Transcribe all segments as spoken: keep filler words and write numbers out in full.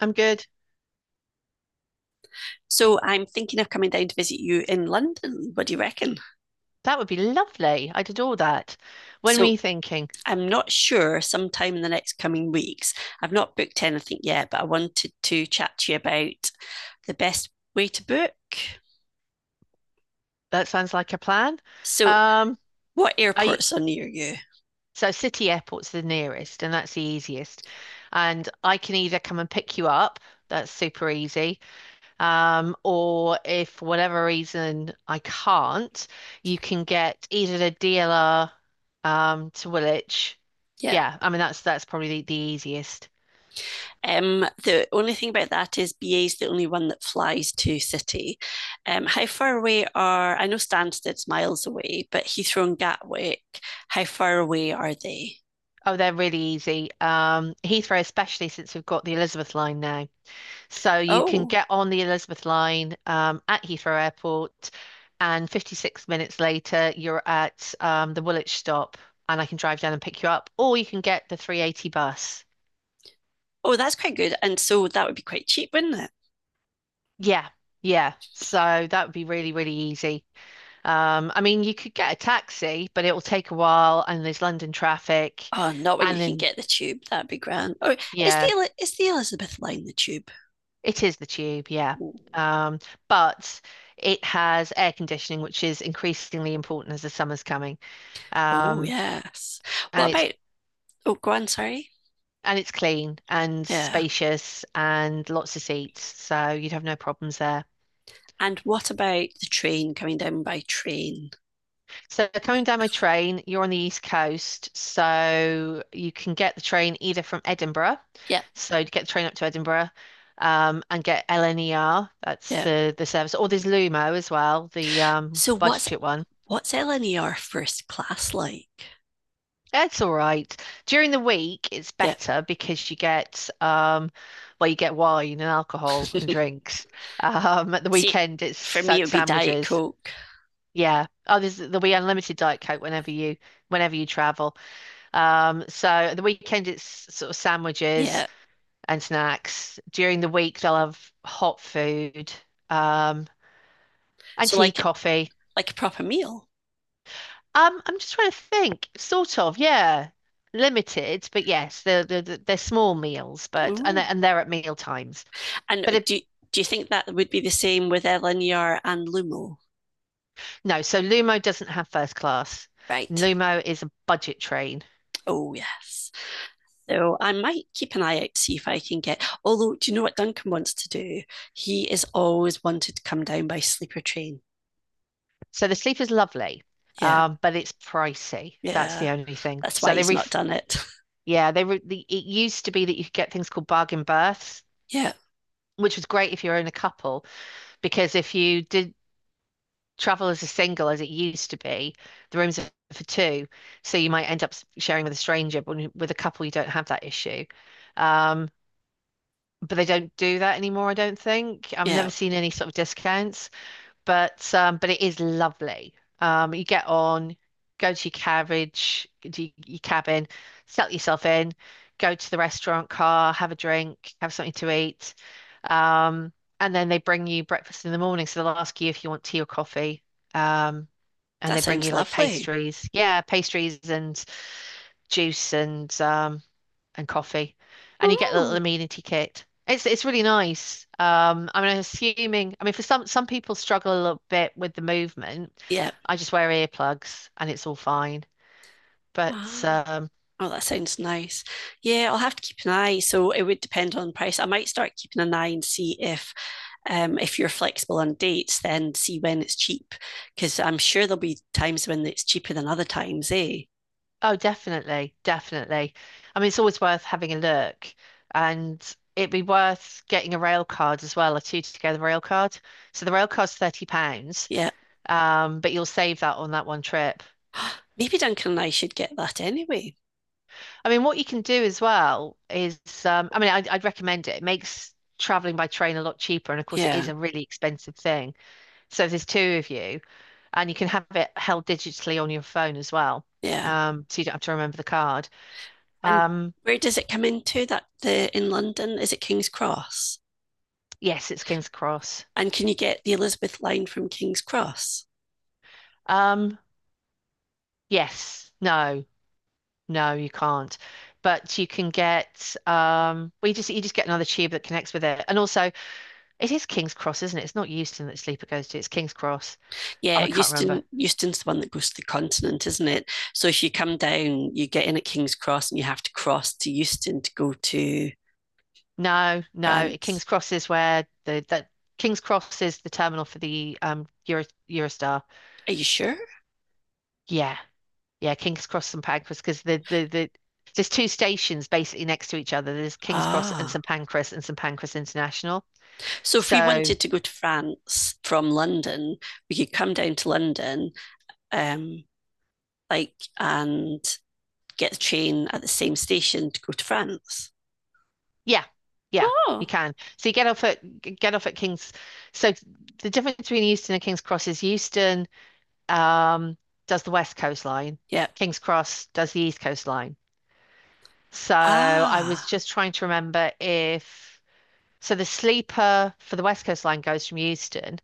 I'm good. So I'm thinking of coming down to visit you in London. What do you reckon? That would be lovely. I'd adore that. When were So you thinking? I'm not sure sometime in the next coming weeks. I've not booked anything yet, but I wanted to chat to you about the best way to book. That sounds like a plan. So, Um, what I airports are near you? So City Airport's the nearest, and that's the easiest. And I can either come and pick you up, that's super easy. Um, or if for whatever reason I can't, you can get either the D L R um to Woolwich. Yeah. Yeah, I mean that's that's probably the, the easiest. Um, the only thing about that is B A is the only one that flies to City. Um, how far away are, I know Stansted's miles away, but Heathrow and Gatwick, how far away are they? Oh, they're really easy. Um, Heathrow, especially since we've got the Elizabeth line now. So you can Oh. get on the Elizabeth line um, at Heathrow Airport, and fifty-six minutes later, you're at um, the Woolwich stop, and I can drive down and pick you up, or you can get the three eighty bus. Oh, that's quite good. And so that would be quite cheap, wouldn't it? Yeah, yeah. So that would be really, really easy. Um, I mean, you could get a taxi, but it will take a while, and there's London traffic, Oh, not when you and can then, get the tube. That'd be grand. Oh, is yeah, the is the Elizabeth line the tube? it is the tube, yeah. Ooh. Um, but it has air conditioning, which is increasingly important as the summer's coming. Oh, Um, yes. What and it's about? Oh, go on. Sorry. and it's clean and Yeah. spacious and lots of seats, so you'd have no problems there. And what about the train coming down by train? So coming down my train, you're on the East Coast, so you can get the train either from Edinburgh, Yeah, so you get the train up to Edinburgh, um, and get L N E R, that's yeah. the the service, or there's Lumo as well, the um So what's budget one. what's L N E R first class like? It's all right. During the week, it's Yeah. better because you get um, well, you get wine and alcohol and drinks. Um, at the See, weekend, it's for me sa- it would be Diet sandwiches. Coke. Yeah. Oh, there's there'll be unlimited Diet Coke whenever you whenever you travel. Um, so at the weekend, it's sort of sandwiches Yeah. and snacks. During the week, they'll have hot food, um, and So tea, like coffee. like a proper meal. Um, I'm just trying to think. Sort of, yeah. Limited, but yes, they're they're, they're small meals, but and they're, Ooh. and they're at meal times. And But it, do do you think that would be the same with Elinear and Lumo? no, so Lumo doesn't have first class. Right. Lumo is a budget train. Oh yes. So I might keep an eye out to see if I can get. Although, do you know what Duncan wants to do? He is always wanted to come down by sleeper train. So the sleep is lovely, Yeah, um, but it's pricey. That's yeah. the only thing. That's why So they he's not ref done it. Yeah, they re the, it used to be that you could get things called bargain berths, Yeah, which was great if you're in a couple because if you did travel as a single as it used to be. The rooms are for two, so you might end up sharing with a stranger, but with a couple, you don't have that issue. Um, but they don't do that anymore, I don't think. I've yeah. never seen any sort of discounts, but um, but it is lovely. Um, you get on, go to your carriage, to y- your cabin, settle yourself in, go to the restaurant car, have a drink, have something to eat. Um, and then they bring you breakfast in the morning, so they'll ask you if you want tea or coffee. Um, and That they bring sounds you like lovely. pastries. Yeah, pastries and juice and um and coffee. And you get a little Oh, amenity kit. It's it's really nice. Um, I mean, I'm assuming, I mean, for some some people struggle a little bit with the movement. yeah. I just wear earplugs and it's all fine. But Ah. um, Oh, that sounds nice. Yeah, I'll have to keep an eye. So it would depend on price. I might start keeping an eye and see if um, if you're flexible on dates, then see when it's cheap, because I'm sure there'll be times when it's cheaper than other times, eh? Oh, definitely, definitely. I mean, it's always worth having a look, and it'd be worth getting a rail card as well, a two together rail card. So the rail card's thirty pounds. Yeah. Um, but you'll save that on that one trip. Maybe Duncan and I should get that anyway. I mean, what you can do as well is, um, I mean, I'd, I'd recommend it. It makes traveling by train a lot cheaper. And of course, it is Yeah, a really expensive thing. So if there's two of you, and you can have it held digitally on your phone as well. yeah. Um, so you don't have to remember the card. And Um, where does it come into that the in London? Is it King's Cross? yes, it's King's Cross. And can you get the Elizabeth line from King's Cross? Um, yes, no, no, you can't. But you can get, um, well, you just you just get another tube that connects with it, and also it is King's Cross, isn't it? It's not Euston that Sleeper goes to. It's King's Cross. Oh, Yeah, I can't remember. Euston Euston's the one that goes to the continent, isn't it? So if you come down, you get in at King's Cross and you have to cross to Euston to go to No, No. France. King's Cross is where the that King's Cross is the terminal for the um Euro, Eurostar. Are you sure? Yeah, yeah. King's Cross and Pancras because the the the there's two stations basically next to each other. There's King's Cross and Ah. St Pancras and St Pancras International. So if we So wanted to go to France from London, we could come down to London, um, like and get the train at the same station to go to France. yeah, yeah, you Oh. can. So you get off at get off at King's. So the difference between Euston and King's Cross is Euston um, does the West Coast line. Yeah. King's Cross does the East Coast line. So I was Ah. just trying to remember if So the sleeper for the West Coast line goes from Euston,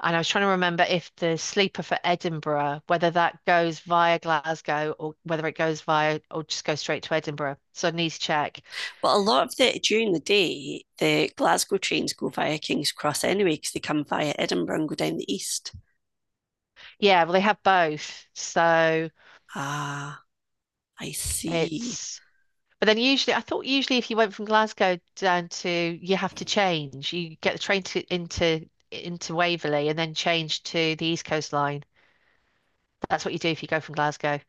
and I was trying to remember if the sleeper for Edinburgh, whether that goes via Glasgow or whether it goes via or just goes straight to Edinburgh. So I need to check. Well, a lot of the during the day, the Glasgow trains go via King's Cross anyway, because they come via Edinburgh and go down the east. Yeah, well they have both. So Ah, I see. it's But then usually, I thought usually if you went from Glasgow down to, you have to change. You get the train to into into Waverley and then change to the East Coast Line. That's what you do if you go from Glasgow.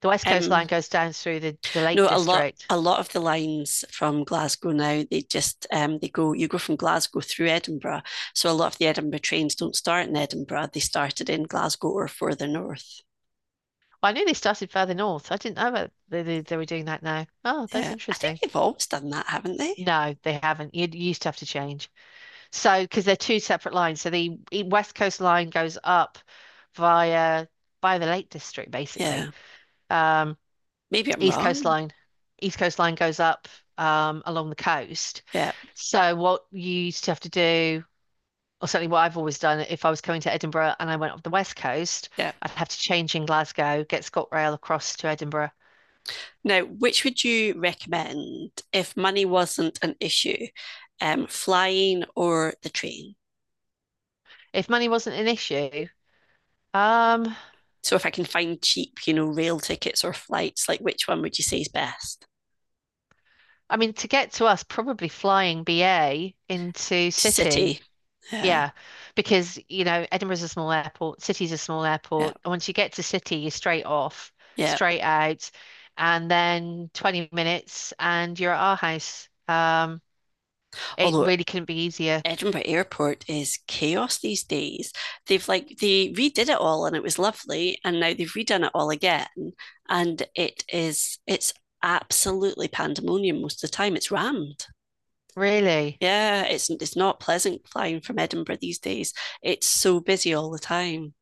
The West Coast Um, Line goes down through the, the Lake No, a lot District. a lot of the lines from Glasgow now, they just um, they go you go from Glasgow through Edinburgh. So a lot of the Edinburgh trains don't start in Edinburgh. They started in Glasgow or further north. Well, I knew they started further north. I didn't know that they, they, they were doing that now. Oh, that's Yeah. I think interesting. they've always done that, haven't they? No, they haven't. You, you used to have to change. So, because they're two separate lines. So the e- West Coast Line goes up via by the Lake District, basically. Yeah. Um, Maybe I'm East Coast wrong. Line. East Coast Line goes up um, along the coast. Yeah. So what you used to have to do, or certainly what I've always done, if I was coming to Edinburgh and I went up the west coast, Yeah. I'd have to change in Glasgow, get ScotRail across to Edinburgh. Now, which would you recommend if money wasn't an issue? Um, flying or the train? If money wasn't an issue, um, So if I can find cheap, you know, rail tickets or flights, like which one would you say is best? I mean, to get to us, probably flying B A into city. City. Yeah. Yeah, because you know Edinburgh's a small airport, City's a small Yeah, airport. And once you get to City, you're straight off, yeah. straight out, and then twenty minutes, and you're at our house. Um, it Although really couldn't be easier, Edinburgh Airport is chaos these days. They've like they redid it all and it was lovely, and now they've redone it all again, and it is it's absolutely pandemonium most of the time. It's rammed. really. Yeah, it's it's not pleasant flying from Edinburgh these days. It's so busy all the time.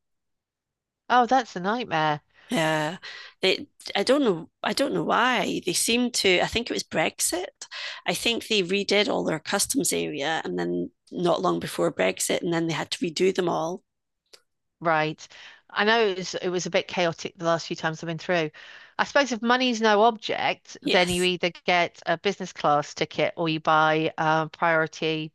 Oh, that's a nightmare, Yeah, they, I don't know. I don't know why they seem to. I think it was Brexit. I think they redid all their customs area, and then not long before Brexit, and then they had to redo them all. right? I know it was it was a bit chaotic the last few times I've been through. I suppose if money's no object, then you Yes. either get a business class ticket or you buy um, priority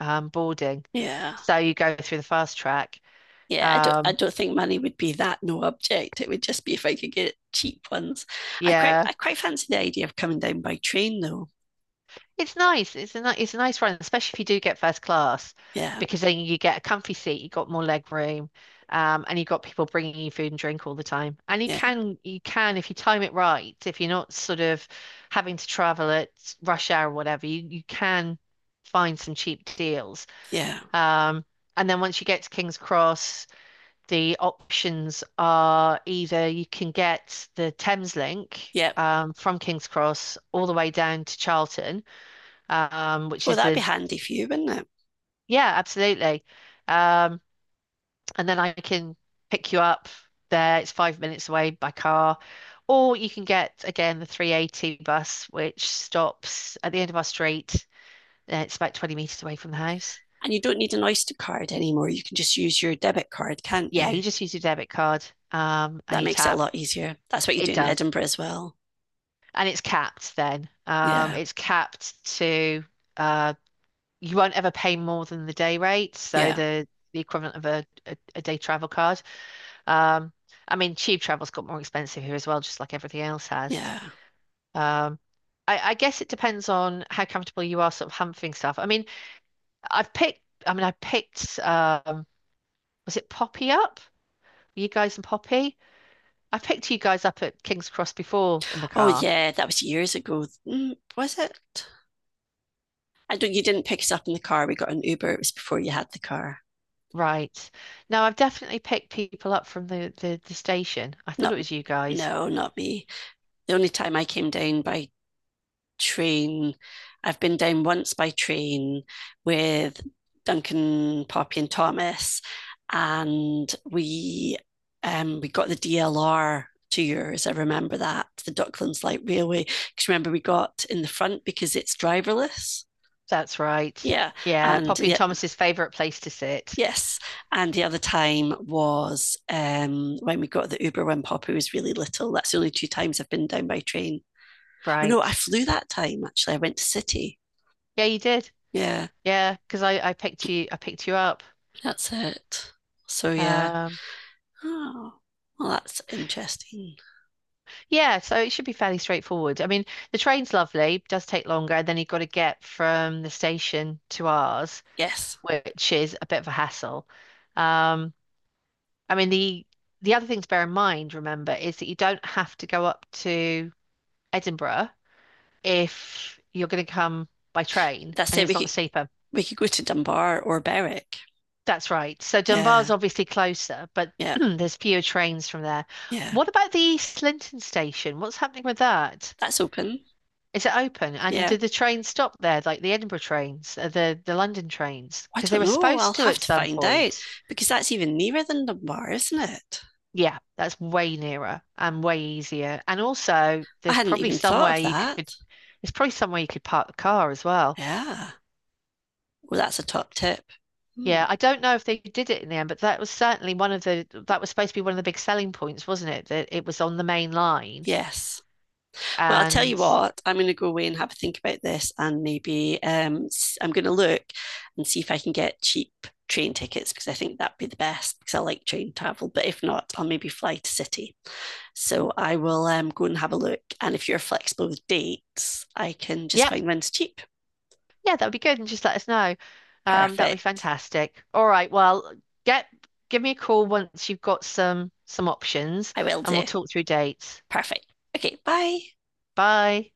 um, boarding. Yeah. So you go through the fast track. Yeah. I don't. I Um, don't think money would be that no object. It would just be if I could get cheap ones. I quite. yeah, I quite fancy the idea of coming down by train, though. it's nice. It's a ni it's a nice run, especially if you do get first class, Yeah. because then you get a comfy seat, you got more leg room, um, and you've got people bringing you food and drink all the time. And you Yeah. can you can if you time it right, if you're not sort of having to travel at rush hour or whatever, you you can find some cheap deals. Yeah. Um, and then once you get to King's Cross, the options are either you can get the Thames Link Yeah. um, from King's Cross all the way down to Charlton, um, which Well, is that'd be the, handy for you, wouldn't it? yeah, absolutely. Um, and then I can pick you up there. It's five minutes away by car. Or you can get, again, the three eighty bus, which stops at the end of our street. Uh, It's about twenty meters away from the house. And you don't need an Oyster card anymore. You can just use your debit card, can't Yeah, you? you just use your debit card um, and That you makes it a tap. lot easier. That's what you It do in does. Edinburgh as well. And it's capped then. Um, Yeah. It's capped to uh, you won't ever pay more than the day rate, so Yeah. the the equivalent of a, a, a day travel card. Um, I mean, tube travel's got more expensive here as well, just like everything else has. Yeah. Um, I, I guess it depends on how comfortable you are sort of humping stuff. I mean, I've picked, I mean, I picked, um, was it Poppy up? You guys and Poppy? I picked you guys up at King's Cross before in the Oh, car. yeah. That was years ago. Mm, was it? I don't, you didn't pick us up in the car. We got an Uber. It was before you had the car. Right. No, I've definitely picked people up from the, the, the station. I thought Not, it was you guys. no, not me. The only time I came down by train. I've been down once by train with Duncan, Poppy, and Thomas, and we um, we got the D L R two years. I remember that the Docklands Light Railway. Because remember, we got in the front because it's driverless. That's right. Yeah, Yeah, and Poppy and yeah, Thomas's favorite place to sit. yes, and the other time was um, when we got the Uber when Poppy was really little. That's the only two times I've been down by train. Oh no, Right. I flew that time actually. I went to City. Yeah, you did. Yeah. Yeah, because I, I picked you I picked you up. That's it. So yeah. Um, Oh, well, that's interesting. yeah, so it should be fairly straightforward. I mean, the train's lovely, does take longer, and then you've got to get from the station to ours, Yes, which is a bit of a hassle. Um, I mean, the the other thing to bear in mind, remember, is that you don't have to go up to Edinburgh if you're going to come by train that's and it. it's We not could cheaper. we could go to Dunbar or Berwick. That's right. So Dunbar's Yeah, obviously closer, but yeah, there's fewer trains from there. yeah. What about the East Linton station? What's happening with that? That's open. Is it open? And Yeah. do the trains stop there, like the Edinburgh trains, uh, the the London trains? I Because they don't were know. I'll supposed to have at to some find out point. because that's even nearer than Dunbar, isn't it? Yeah, that's way nearer and way easier. And also, I there's hadn't probably even thought somewhere of you could that. there's probably somewhere you could park the car as well. Yeah. Well, that's a top tip. Hmm. Yeah, I don't know if they did it in the end, but that was certainly one of the that was supposed to be one of the big selling points, wasn't it? That it was on the main line. Yes. Well, I'll tell you And what, I'm going to go away and have a think about this, and maybe um, s- I'm going to look and see if I can get cheap train tickets because I think that'd be the best because I like train travel. But if not, I'll maybe fly to city. So I will um, go and have a look. And if you're flexible with dates, I can just yep, find one's cheap. yeah, that would be good. And just let us know. Um, that would be Perfect. fantastic. All right, well, get give me a call once you've got some some options I will and we'll do. talk through dates. Perfect. Okay, bye. Bye.